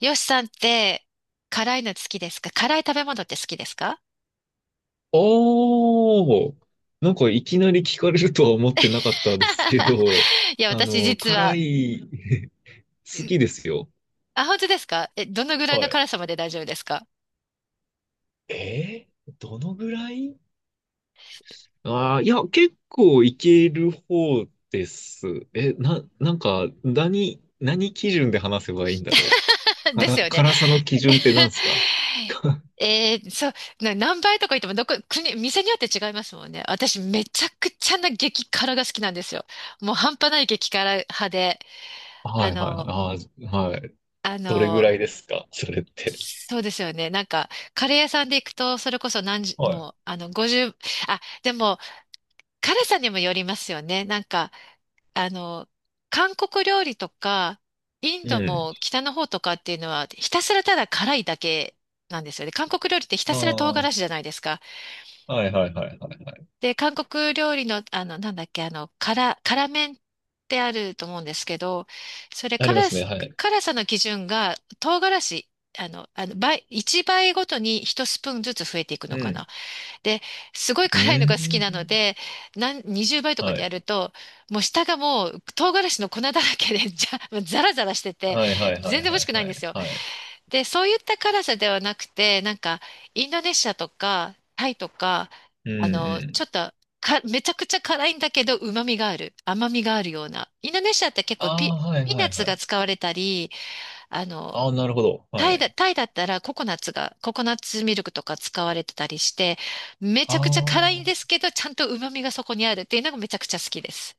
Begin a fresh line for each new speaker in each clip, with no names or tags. よしさんって、辛いの好きですか？辛い食べ物って好きですか？
おー、なんかいきなり聞かれるとは思ってなかったですけど、
いや、
あ
私
の、
実
辛
は、
い、好きですよ。
あ、本当ですか？え、どのぐらい
は
の
い。
辛さまで大丈夫ですか？
どのぐらいああー、いや、結構いける方です。なんか、何基準で話せばいいんだろう。
ですよね。
辛さの基準って何すか？
えーそう、な何倍とか言っても、どこ、国、店によって違いますもんね。私、めちゃくちゃな激辛が好きなんですよ。もう半端ない激辛派で、
は
あ
いはいはい。
の、
あー、はい。
あ
どれぐ
の、
らいですか、それって？
そうですよね。なんか、カレー屋さんで行くと、それこそ何十、
は
もう、あの、50、あ、でも、辛さにもよりますよね。なんか、あの、韓国料理とか、イン
い。う
ド
ん。
も北の方とかっていうのは、ひたすらただ辛いだけなんですよね。韓国料理ってひた
あ
すら唐辛子じゃないですか。
あ、はいはいはいはいはい。
で、韓国料理の、あの、なんだっけ、あの、辛、辛麺ってあると思うんですけど、それ
ありま
辛
すね、
す、
はい。
辛さの基準が唐辛子、あの、倍、1倍ごとに1スプーンずつ増えていくの
う
かな。
ん。
で、すごい
う
辛いのが好きなの
ん。
で、なん20倍とか
は
でや
い。
ると、もう下がもう唐辛子の粉だらけで、じゃ、もうザラザラしてて、
はいはいはい
全然美味
は
し
い
くないん
は
です
い
よ。
はい。
で、そういった辛さではなくて、なんか、インドネシアとか、タイとか、
うんう
あの、ちょ
ん。
っと、か、めちゃくちゃ辛いんだけど、旨味がある。甘みがあるような。インドネシアって結構
あ
ピ、
あ、はい
ピー
は
ナッ
い
ツ
は
が
い。
使われたり、あの、
ああ、なるほど。はい。
タイだったらココナッツが、ココナッツミルクとか使われてたりして、めち
あ
ゃくちゃ辛いんで
あ。
すけど、ちゃんと旨味がそこにあるっていうのがめちゃくちゃ好きです。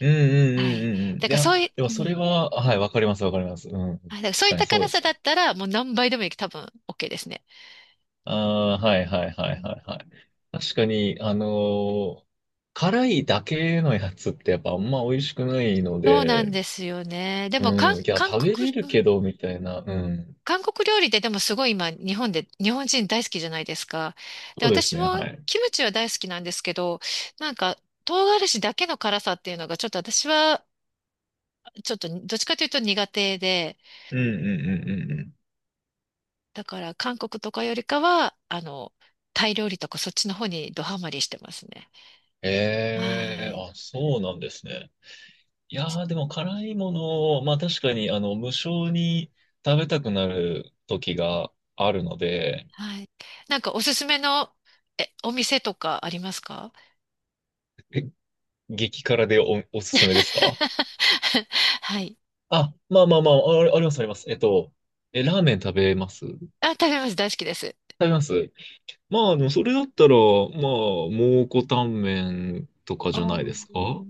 うんうん
はい。
うんうんう
だ
ん。い
から
や、
そうい
でも
う、う
それ
ん。
は、はい、わかりますわかります。うん。
はい、だからそう
確
いっ
かに
た
そう
辛
で
さ
すよ
だっ
ね。
たら、もう何倍でもいい、多分 OK ですね。
ああ、はいはいは
う
い
ん、
はいはい。確かに、辛いだけのやつってやっぱあんま美味しくないの
そうな
で、
んですよね。でも、
うん。いや、
韓
食べ
国、
れる
うん、
けど、みたいな。うん。
韓国料理ででもすごい今、日本で、日本人大好きじゃないですか。で、
そうです
私
ね、は
も
い。
キムチは大好きなんですけど、なんか、唐辛子だけの辛さっていうのがちょっと私はちょっとどっちかというと苦手で、
うんうんうんうんうん。
だから韓国とかよりかは、あの、タイ料理とかそっちの方にドハマりしてますね。は
ええ、
い。
あ、そうなんですね。いやー、でも辛いものを、まあ確かに、無性に食べたくなる時があるので、
はい。なんかおすすめの、え、お店とかありますか？
激辛でおすすめですか？
はい。
あ、まあまあまあ、あ、ありますあります。ラーメン食べます？食
あ、食べます。大好きです。
べます？まあ、でもそれだったら、まあ、蒙古タンメンとか
あー、
じゃないですか？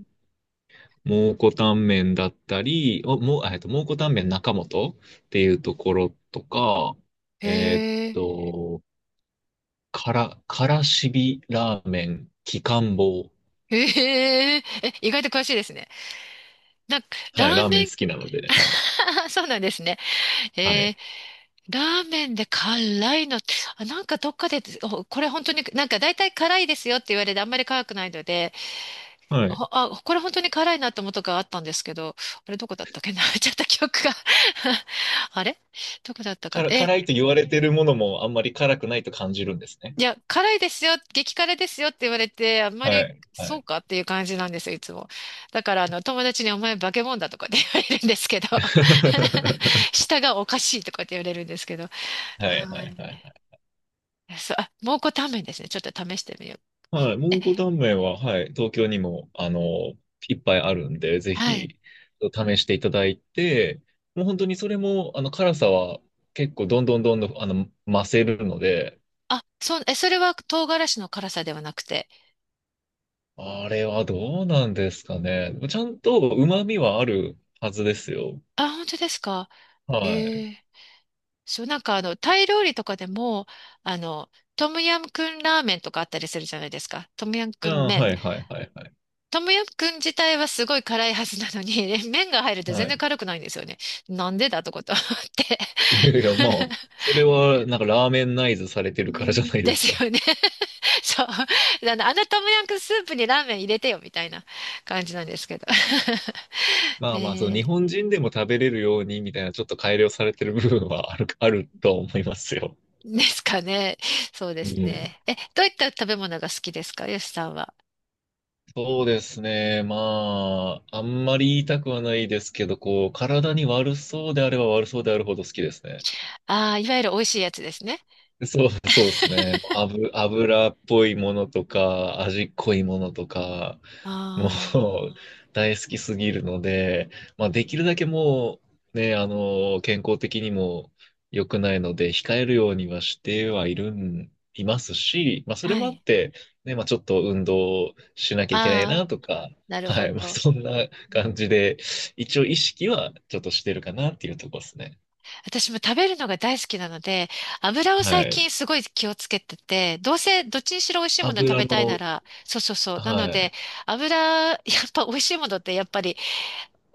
蒙古タンメンだったり、おもう、蒙古タンメン中本っていうところとか、
へ
えーっ
え、
と、からしびラーメン、きかんぼう。
へえ、え、意外と詳しいですね。なんか、ラ
はい、ラ
ー
ーメ
メ
ン
ン、
好きなのでね、はい、
そうなんですね。
は
へ
い、
え、ラーメンで辛いのって、あ、なんかどっかで、お、これ本当になんか大体辛いですよって言われてあんまり辛くないので、
はい。
ほあ、これ本当に辛いなって思ったことがあったんですけど、あれどこだったっけな。 ちゃった記憶が。 あれどこだったか
か
な？
ら、
え、
辛いと言われてるものもあんまり辛くないと感じるんですね。
いや、辛いですよ、激辛ですよって言われて、あんま
は
り
い、は
そう
い。
かっていう感じなんですよ、いつも。だからあの友達にお前化け物だとかって言われるんですけど。 舌がおかしいとかって言われるんですけど。
はい、
は
はい、
い。
はい。
そう、あ、蒙古タンメンですね。ちょっと試してみよう。
はい。
え、
蒙古タンメンは、はい。東京にも、いっぱいあるんで、ぜ
はい。
ひ、試していただいて、もう本当にそれも、辛さは結構、どんどんどんどん、増せるので、
あ、そう、え、それは唐辛子の辛さではなくて。
あれはどうなんですかね。ちゃんと旨味はあるはずですよ。
あ、本当ですか。
はい。
へえ。そう、なんかあの、タイ料理とかでも、あの、トムヤムクンラーメンとかあったりするじゃないですか。トムヤムクン
あー、
麺。
はい、はい、はい、はい。
トムヤムクン自体はすごい辛いはずなのに、麺が入ると全
は
然
い。
辛くないんですよね。なんでだとこと思って。
いやいや、まあ、それは、なんか、ラーメンナイズされて
う
るからじゃ
ん
ないで
で
すか？
すよね。そう。あのトムヤムクンスープにラーメン入れてよ、みたいな感じなんですけど。
まあまあ、そう、
え
日本人でも食べれるようにみたいな、ちょっと改良されてる部分はあるとは思いますよ。
ー、ですかね。そうで
う
す
ん。
ね。え、どういった食べ物が好きですか、よしさんは。
そうですね。まあ、あんまり言いたくはないですけど、こう、体に悪そうであれば悪そうであるほど好きですね。
ああ、いわゆる美味しいやつですね。
そう、そうですね。油っぽいものとか、味濃いものとか、もう
ああ、
大好きすぎるので、まあ、
え
でき
ー、
るだけもう、ね、健康的にも良くないので、控えるようにはしてはいるん、いますし、まあ、それ
は
もあっ
い。
て、ね、まあ、ちょっと運動しなきゃいけない
ああ、
なとか、
なる
は
ほ
い、まあ、
ど。
そんな感じで、一応意識はちょっとしてるかなっていうところですね。
私も食べるのが大好きなので、油を
は
最
い。
近すごい気をつけてて、どうせどっちにしろ美味しいもの食
油
べたいな
の、
ら、そうそうそう。なの
は
で、
い。
油、やっぱ美味しいものってやっぱり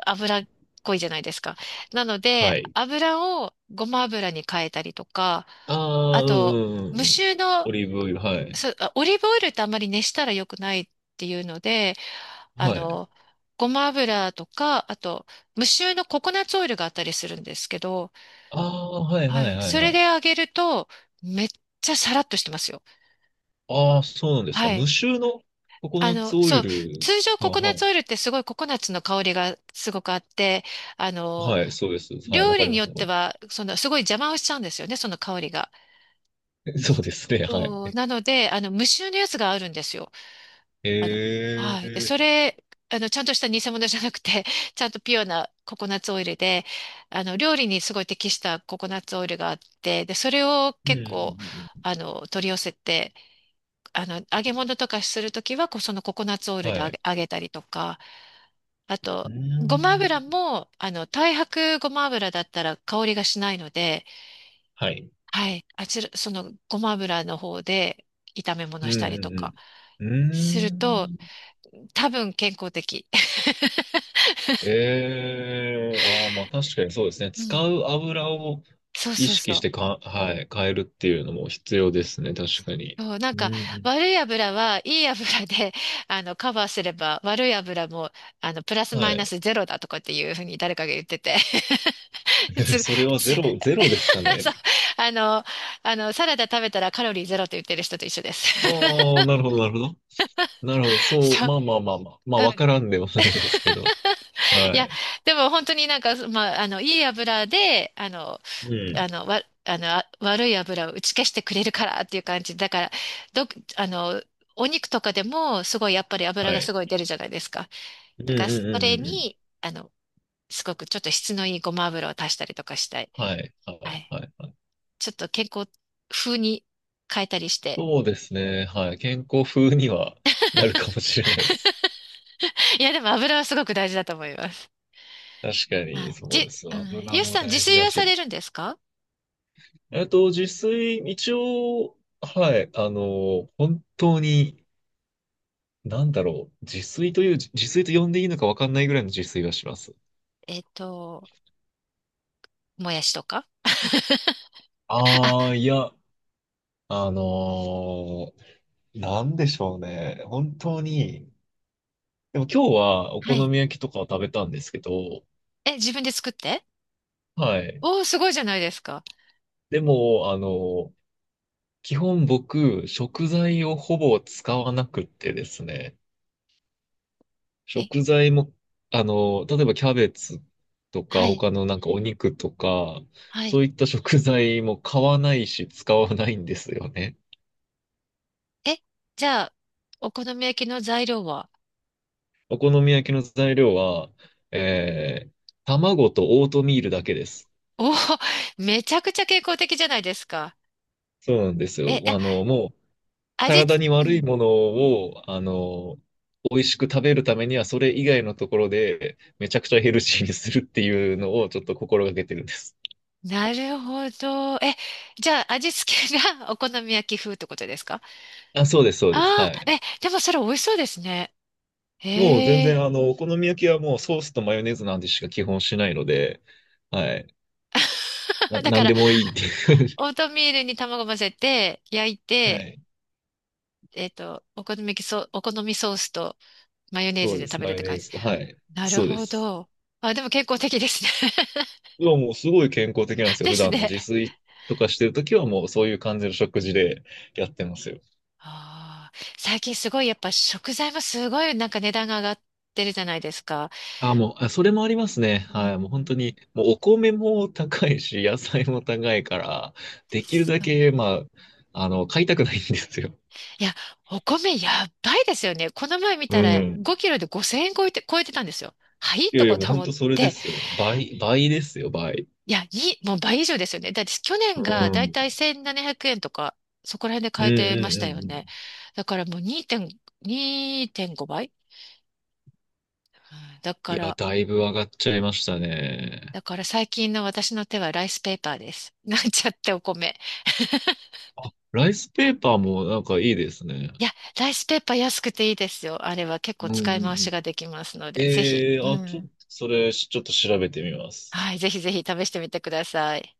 油っこいじゃないですか。なので、
はい。
油をごま油に変えたりとか、
あ
あ
あ、うんう
と、
んうん
無
うん。
臭の、
オリーブオイル、はい。
そう、あ、オリーブオイルってあんまり熱したら良くないっていうので、あ
はい。
の、ごま油とか、あと、無臭のココナッツオイルがあったりするんですけど、
ああ、はい
は
はい
い。
はい
そ
は
れで
い。
揚げると、めっちゃサラッとしてますよ。
ああ、そうなんですか。
はい。
無臭のココ
あ
ナッ
の、
ツオ
そ
イ
う、
ル
通常
が、
ココナッ
は
ツ
い。
オイルってすごいココナッツの香りがすごくあって、あの、
はい、そうです。はい、
料
わか
理
り
に
ま
よっ
す、こ
ては、その、すごい邪魔をしちゃうんですよね、その香りが。
れ。そうですね、はい。
そう、なので、あの、無臭のやつがあるんですよ。
え
あの、はい。で、
え、
それ、あの、ちゃんとした偽物じゃなくて、ちゃんとピュアなココナッツオイルで、あの、料理にすごい適したココナッツオイルがあって、で、それを
うん
結
うん
構、
うんうん。
あの、取り寄せて、あの、揚げ物とかするときは、こうそのココナッツオイルで
は
揚
い。
げ、揚げたりとか、あ
う
と、ごま
ん。
油も、あの、太白ごま油だったら香りがしないので、
はい。
はい、あちら、そのごま油の方で炒め
う
物したりとか
んうんう
する
ん。う
と、
ーん。
多分健康的。
ええ、ああ、まあ確かにそうですね。
う
使
ん。
う油を
そう
意
そう
識
そ
し
う。
てか、はい、変えるっていうのも必要ですね、確かに。
そう、なん
うん
か、
うん、
悪い油はいい油で、あの、カバーすれば、悪い油も、あの、プラス
は
マイナス
い。
ゼロだとかっていうふうに誰かが言ってて。つ、
それはゼ
つ。
ロ、ゼロですか
そう、
ね？
あの、あの、サラダ食べたらカロリーゼロと言ってる人と一緒です。
ああ、なるほど、なるほど。なるほど。そう、
そう。
まあまあまあまあ。まあ、
う
わ
ん。
からんではないですけど。
い
は
や、
い。
でも本当になんか、まあ、あの、いい油で、あの、
うん。
あの、わ、あの、あ、悪い油を打ち消してくれるからっていう感じ。だから、ど、あの、お肉とかでも、すごい、やっぱり油
は
がす
い。
ごい出るじゃないですか。
うんう
だから、そ
んうん
れ
うんうん。
に、あの、すごくちょっと質のいいごま油を足したりとかしたい。
はい。は
は
い。
い。
はい。はい、
ちょっと健康風に変えたりして、
そうですね。はい。健康風にはなるかもしれないです。
いや、でも油はすごく大事だと思います。
確か
あ、
に、そう
じ、
です。
うん。
油
ゆう
も
さん、自
大事
炊
だ
はさ
し。
れるんですか？
自炊、一応、はい。本当に、なんだろう。自炊と呼んでいいのかわかんないぐらいの自炊はします。
えっと、もやしとか。
ああ、いや、あのーなんでしょうね。本当に。でも今日はお
は
好
い。
み焼きとかを食べたんですけど、
え、自分で作って、
はい。
おー、すごいじゃないですか。
でも、基本僕、食材をほぼ使わなくってですね。
え、
食材も、例えばキャベツとか、
はい、
他のなんかお肉とか、
はい。
そういった食材も買わないし、使わないんですよね。
え、じゃあ、お好み焼きの材料は？
お好み焼きの材料は、えー卵とオートミールだけです。
おー、めちゃくちゃ健康的じゃないですか。
そうなんです
え、
よ。
あ、
もう、
味、
体に
う
悪い
ん、
ものを、美味しく食べるためには、それ以外のところで、めちゃくちゃヘルシーにするっていうのを、ちょっと心がけてるんです。
なるほど。え、じゃあ、味付けが お好み焼き風ってことですか？
あ、そうです、そうです。
あ
は
あー、
い。
え、でもそれ美味しそうですね。
もう全
へ
然、
え。
お好み焼きはもうソースとマヨネーズなんてしか基本しないので、はい。
だ
な
か
ん
ら
でもいいっていう。
オートミールに卵混ぜて、焼い
は
て、
い。
えっと、お好み焼きソ、お好みソースとマヨネー
そ
ズ
う
で
で
食
す、
べ
マ
るっ
ヨ
て
ネ
感
ー
じ。
ズ。はい。
なる
そうで
ほ
す。
ど。あ、でも健康的ですね。
はもうすごい健康的なんで すよ。
で
普
す
段の
ね。
自炊とかしてるときはもうそういう感じの食事でやってますよ。
あー、最近すごいやっぱ食材もすごいなんか値段が上がってるじゃないですか。
あ、もう、あ、それもありますね。
う
はい。もう本
ん。
当に、もうお米も高いし、野菜も高いから、できるだけ、まあ、買いたくないんですよ。
いや、お米やばいですよね。この前見
う
たら
ん。
5キロで5000円超えて、超えてたんですよ。はい
いや
と
いや、
こ
もう
と
本
思っ
当それで
て。
すよ。倍、倍ですよ、倍。
いや、いい、もう倍以上ですよね。だって去年
う
が
ん。う
だいたい
ん
1700円とか、そこら辺で
うん
買えてました
う
よ
んうん。
ね。だからもう2.5倍。うん、だ
い
か
や、
ら、
だいぶ上がっちゃいました
ね、
ね。
だから最近の私の手はライスペーパーです。なんちゃってお米。
あ、ライスペーパーもなんかいいですね。
いや、ライスペーパー安くていいですよ。あれは結
う
構
んうん
使い回
う
し
ん。
ができますので、ぜひ。
ええー、
う
あ、ちょっと、
ん。
それ、ちょっと調べてみます。
はい、ぜひぜひ試してみてください。